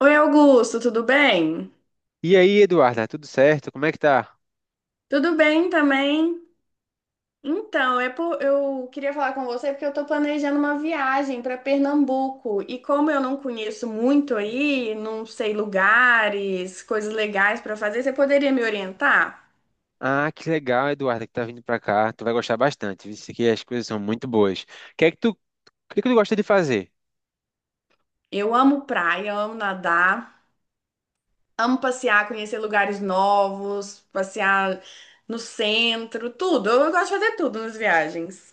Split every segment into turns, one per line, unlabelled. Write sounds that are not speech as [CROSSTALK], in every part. Oi, Augusto, tudo bem?
E aí, Eduarda, tudo certo? Como é que tá?
Tudo bem também. Então, eu queria falar com você porque eu estou planejando uma viagem para Pernambuco e, como eu não conheço muito aí, não sei lugares, coisas legais para fazer, você poderia me orientar?
Ah, que legal, Eduarda, que tá vindo pra cá. Tu vai gostar bastante, visto que as coisas são muito boas. O que é que tu, o que é que tu gosta de fazer?
Eu amo praia, amo nadar, amo passear, conhecer lugares novos, passear no centro, tudo. Eu gosto de fazer tudo nas viagens.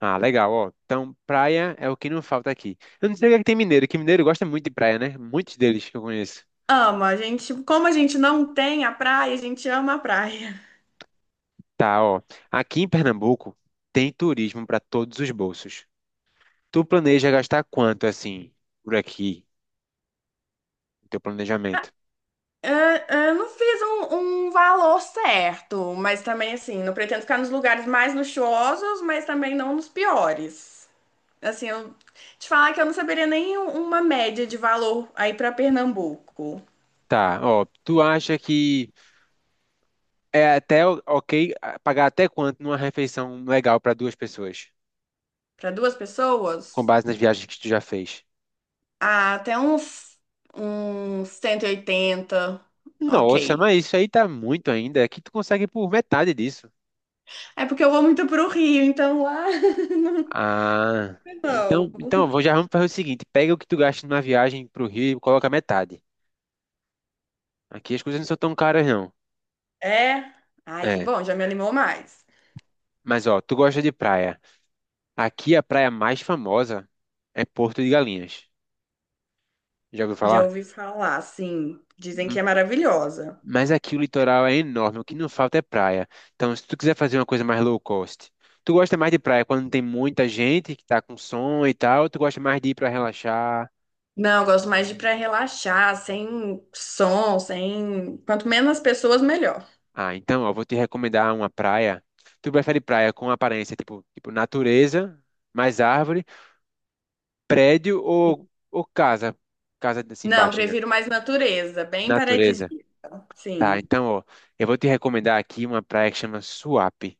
Ah, legal, ó. Então, praia é o que não falta aqui. Eu não sei o que é que tem mineiro, que mineiro gosta muito de praia, né? Muitos deles que eu conheço.
Ama, a gente, como a gente não tem a praia, a gente ama a praia.
Tá, ó. Aqui em Pernambuco tem turismo pra todos os bolsos. Tu planeja gastar quanto, assim, por aqui, no teu planejamento?
Eu, eu não fiz um valor certo, mas também, assim, não pretendo ficar nos lugares mais luxuosos, mas também não nos piores. Assim, eu te falar que eu não saberia nem um- uma média de valor aí para Pernambuco.
Tá, ó. Tu acha que é até ok, pagar até quanto numa refeição legal para duas pessoas,
Para duas
com
pessoas,
base nas viagens que tu já fez.
ah, uns 180,
Nossa,
ok.
mas isso aí tá muito ainda. Aqui tu consegue por metade disso.
É porque eu vou muito pro Rio, então lá [LAUGHS] não.
Ah,
Não.
então, já vamos fazer o seguinte: pega o que tu gasta numa viagem pro Rio e coloca metade. Aqui as coisas não são tão caras, não.
É? Ai, que
É,
bom, já me animou mais.
mas ó, tu gosta de praia. Aqui a praia mais famosa é Porto de Galinhas. Já ouviu
Já
falar?
ouvi falar, assim, dizem que é maravilhosa.
Mas aqui o litoral é enorme, o que não falta é praia. Então, se tu quiser fazer uma coisa mais low cost, tu gosta mais de praia quando tem muita gente que tá com som e tal, ou tu gosta mais de ir pra relaxar?
Não, eu gosto mais de pra relaxar, sem som, sem. Quanto menos pessoas, melhor.
Ah, então, ó, vou te recomendar uma praia. Tu prefere praia com aparência tipo, tipo natureza, mais árvore, prédio ou casa? Casa assim,
Não,
baixinha.
prefiro mais natureza, bem
Natureza.
paradisíaca.
Tá,
Sim.
então, ó, eu vou te recomendar aqui uma praia que chama Suape.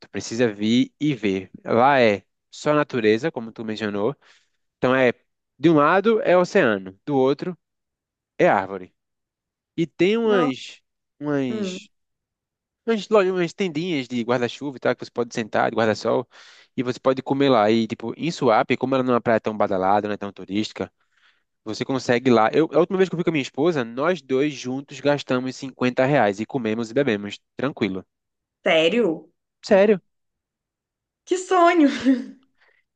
Tu precisa vir e ver. Lá é só natureza, como tu mencionou. Então é, de um lado é oceano, do outro é árvore. E tem
Não.
umas,
Hum.
umas, umas tendinhas de guarda-chuva e tal, que você pode sentar, de guarda-sol, e você pode comer lá. E, tipo, em Suape, como ela não é uma praia tão badalada, não é tão turística, você consegue lá. Eu, a última vez que eu fui com a minha esposa, nós dois juntos gastamos R$ 50 e comemos e bebemos, tranquilo.
Sério?
Sério.
Que sonho!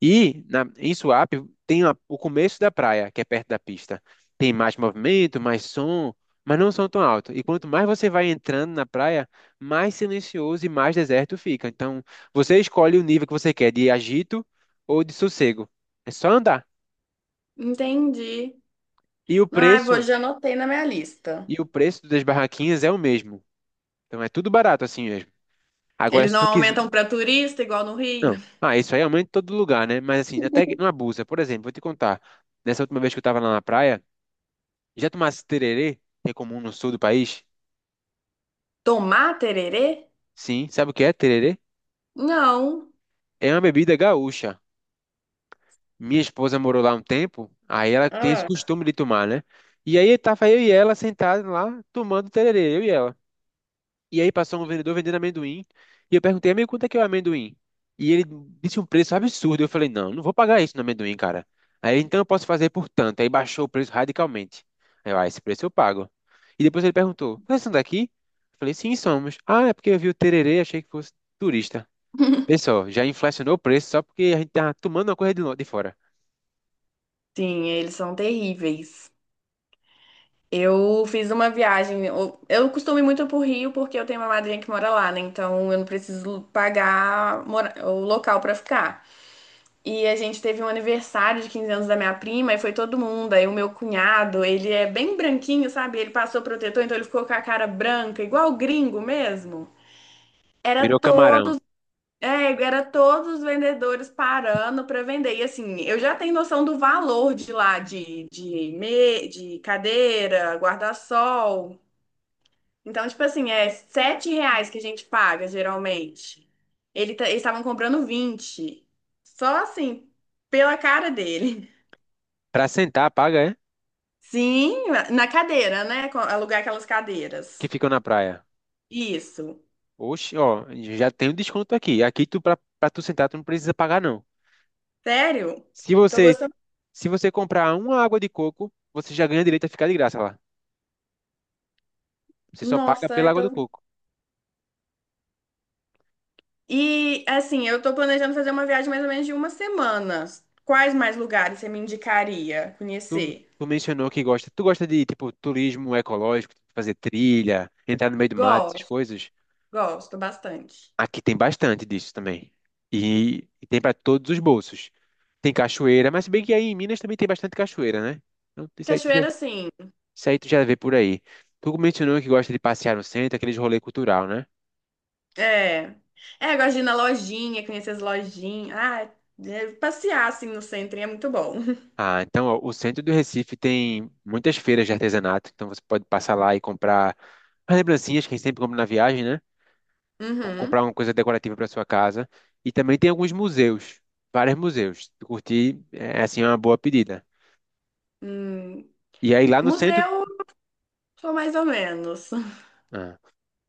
Em Suape tem o começo da praia, que é perto da pista. Tem mais movimento, mais som, mas não são tão alto. E quanto mais você vai entrando na praia, mais silencioso e mais deserto fica. Então, você escolhe o nível que você quer, de agito ou de sossego. É só andar.
Entendi.
E o
Ai, vou,
preço,
já anotei na minha lista.
e o preço das barraquinhas é o mesmo. Então é tudo barato assim mesmo. Agora,
Eles
se
não
tu quiser.
aumentam pra turista, igual no
Não.
Rio.
Ah, isso aí aumenta em todo lugar, né? Mas assim, até que não abusa. Por exemplo, vou te contar. Nessa última vez que eu estava lá na praia, já tomasse tererê, que é comum no sul do país?
Tomar tererê?
Sim, sabe o que é tererê?
Não.
É uma bebida gaúcha. Minha esposa morou lá um tempo, aí ela tem esse
Ah.
costume de tomar, né? E aí tava eu e ela sentados lá, tomando tererê, eu e ela. E aí passou um vendedor vendendo amendoim. E eu perguntei, amigo, quanto é que é o amendoim? E ele disse um preço absurdo. Eu falei, não, não vou pagar isso no amendoim, cara. Aí ele, então eu posso fazer por tanto. Aí baixou o preço radicalmente. Aí eu, ah, esse preço eu pago. E depois ele perguntou, vocês são daqui? Eu falei, sim, somos. Ah, é porque eu vi o tererê, achei que fosse turista.
[LAUGHS]
Pessoal, já inflacionou o preço só porque a gente tá tomando uma coisa de de fora.
Sim, eles são terríveis. Eu fiz uma viagem. Eu costumo ir muito pro Rio porque eu tenho uma madrinha que mora lá, né? Então eu não preciso pagar o local pra ficar. E a gente teve um aniversário de 15 anos da minha prima e foi todo mundo. Aí o meu cunhado, ele é bem branquinho, sabe? Ele passou protetor, então ele ficou com a cara branca, igual gringo mesmo. Era
Virou camarão.
todo, é, era todos os vendedores parando pra vender. E, assim, eu já tenho noção do valor de lá, de cadeira, guarda-sol. Então, tipo assim, é R$ 7 que a gente paga, geralmente. Eles estavam comprando 20. Só assim, pela cara dele.
Pra sentar, paga, é?
[LAUGHS] Sim, na cadeira, né? Alugar aquelas
Que
cadeiras.
ficou na praia.
Isso.
Oxe, ó, já tem um desconto aqui. Aqui tu, pra tu sentar, tu não precisa pagar, não.
Sério?
Se
Tô
você,
gostando.
se você comprar uma água de coco, você já ganha direito a ficar de graça lá. Você só paga
Nossa,
pela
eu
água do
tô...
coco.
E, assim, eu tô planejando fazer uma viagem mais ou menos de uma semana. Quais mais lugares você me indicaria
Tu,
conhecer?
tu mencionou que gosta. Tu gosta de, tipo, turismo ecológico, fazer trilha, entrar no meio do mato, essas
Gosto,
coisas?
gosto bastante.
Aqui tem bastante disso também. E tem para todos os bolsos. Tem cachoeira, mas se bem que aí em Minas também tem bastante cachoeira, né? Então,
Cachoeira, sim.
isso aí tu já vê por aí. Tu mencionou que gosta de passear no centro, aqueles rolê cultural, né?
É. É, gosto de ir na lojinha, conhecer as lojinhas. Ah, é, passear assim no centro é muito bom. [LAUGHS]
Ah, então, ó, o centro do Recife tem muitas feiras de artesanato, então você pode passar lá e comprar as lembrancinhas que a gente sempre compra na viagem, né? Ou comprar
Uhum.
uma coisa decorativa para sua casa. E também tem alguns museus, vários museus. Se curtir é assim, é uma boa pedida.
Hum.
E aí lá no centro,
Museu, sou mais ou menos. [LAUGHS]
ah,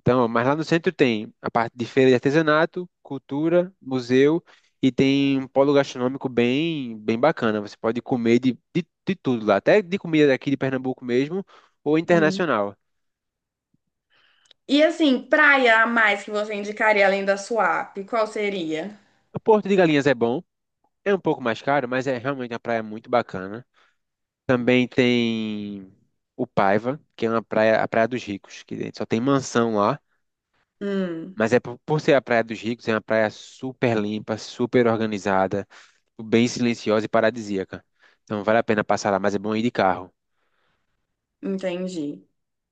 então, mas lá no centro tem a parte de feira de artesanato, cultura, museu e tem um polo gastronômico bem, bem bacana. Você pode comer de tudo lá, até de comida daqui de Pernambuco mesmo ou
Hum.
internacional.
E, assim, praia a mais que você indicaria além da Suape, qual seria?
O Porto de Galinhas é bom, é um pouco mais caro, mas é realmente uma praia muito bacana. Também tem o Paiva, que é uma praia, a Praia dos Ricos, que só tem mansão lá,
Hum,
mas é por ser a Praia dos Ricos, é uma praia super limpa, super organizada, bem silenciosa e paradisíaca. Então vale a pena passar lá, mas é bom ir de carro.
entendi.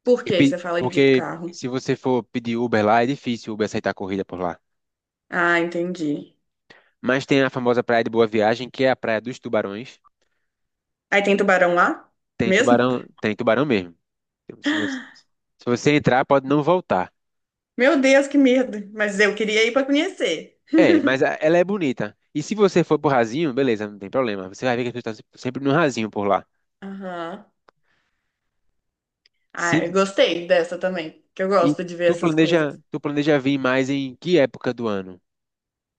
Por
E
que
pe-
você fala de
porque
carro?
se você for pedir Uber lá, é difícil o Uber aceitar corrida por lá.
Ah, entendi.
Mas tem a famosa Praia de Boa Viagem, que é a Praia dos Tubarões.
Aí tem tubarão lá? Mesmo?
Tem tubarão mesmo. Então, se você entrar, pode não voltar.
Meu Deus, que medo. Mas eu queria ir pra conhecer.
É, mas ela é bonita. E se você for pro rasinho, beleza, não tem problema. Você vai ver que as pessoas estão sempre no rasinho por lá.
Aham. Ah, eu
Se,
gostei dessa também, que eu
e
gosto de ver
tu
essas
planeja,
coisas.
tu planeja vir mais em que época do ano?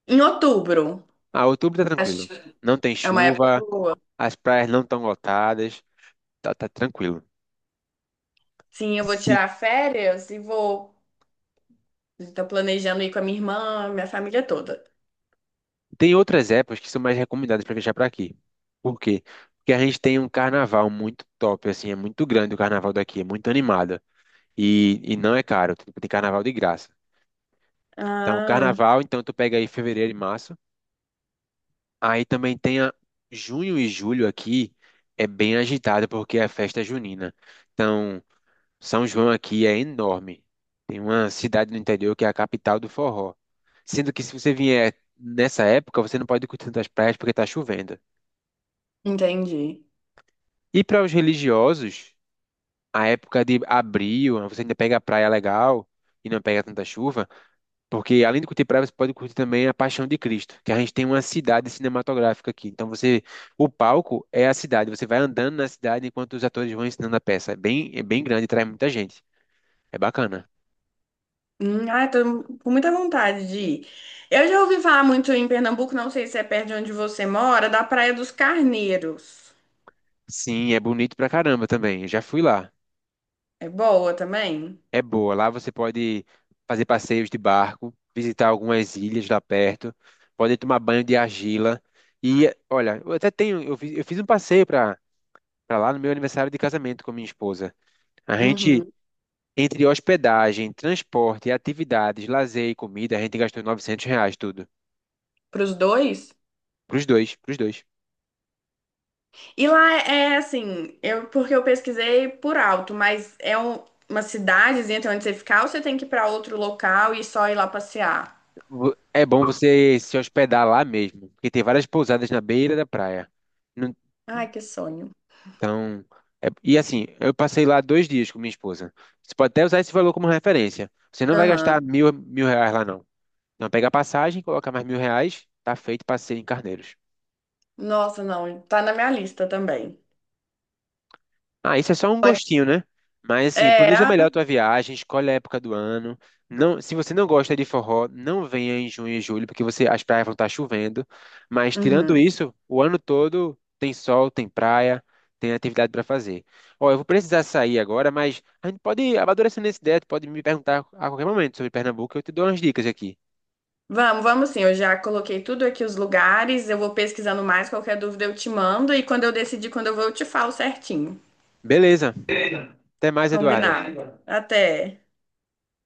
Em outubro,
Ah, outubro tá
acho
tranquilo.
que
Não tem
é uma época
chuva,
boa.
as praias não estão lotadas, tá, tá tranquilo.
Sim, eu vou
Se,
tirar férias e vou. Estou planejando ir com a minha irmã, minha família toda.
Tem outras épocas que são mais recomendadas para viajar para aqui. Por quê? Porque a gente tem um carnaval muito top, assim, é muito grande o carnaval daqui, é muito animado. E não é caro, tipo, tem carnaval de graça. Então,
Ah,
carnaval, então tu pega aí fevereiro e março. Aí também tem a junho e julho aqui, é bem agitado porque é a festa junina. Então, São João aqui é enorme. Tem uma cidade no interior que é a capital do forró. Sendo que se você vier nessa época, você não pode curtir tantas praias porque tá chovendo.
entendi.
E para os religiosos, a época de abril, você ainda pega a praia legal e não pega tanta chuva. Porque além de curtir praia, você pode curtir também a Paixão de Cristo, que a gente tem uma cidade cinematográfica aqui. Então você, o palco é a cidade, você vai andando na cidade enquanto os atores vão ensinando a peça. É bem grande, traz muita gente. É bacana.
Ah, tô com muita vontade de ir. Eu já ouvi falar muito em Pernambuco, não sei se é perto de onde você mora, da Praia dos Carneiros.
Sim, é bonito pra caramba também. Eu já fui lá.
É boa também?
É boa. Lá você pode fazer passeios de barco, visitar algumas ilhas lá perto, pode tomar banho de argila. E olha, eu até tenho, eu fiz um passeio pra para lá no meu aniversário de casamento com minha esposa. A gente
Uhum.
Entre hospedagem, transporte, atividades, lazer e comida, a gente gastou R$ 900 tudo.
Para os dois?
Pros dois, pros dois.
E lá é é assim, eu, porque eu pesquisei por alto, mas uma cidadezinha, tem onde você ficar, ou você tem que ir para outro local e só ir lá passear?
É bom você se hospedar lá mesmo, porque tem várias pousadas na beira da praia. Não-
Ai, que sonho.
Então, e assim, eu passei lá 2 dias com minha esposa. Você pode até usar esse valor como referência. Você não vai gastar
Aham.
mil, mil reais lá, não. Não, pega a passagem, coloca mais R$ 1.000, tá feito passeio em Carneiros.
Nossa, não, tá na minha lista também.
Ah, isso é só um
Pode.
gostinho, né? Mas assim,
É,
planeja
ah,
melhor a tua viagem, escolhe a época do ano. Não, se você não gosta de forró, não venha em junho e julho, porque você, as praias vão estar chovendo. Mas tirando
uhum.
isso, o ano todo tem sol, tem praia, tem atividade para fazer. Ó, eu vou precisar sair agora, mas a gente pode ir amadurecendo essa ideia, tu pode me perguntar a qualquer momento sobre Pernambuco, eu te dou umas dicas aqui.
Vamos, vamos sim. Eu já coloquei tudo aqui os lugares. Eu vou pesquisando mais. Qualquer dúvida eu te mando. E quando eu decidir quando eu vou, eu te falo certinho.
Beleza, até mais, Eduarda.
Combinado. Combinado. Até.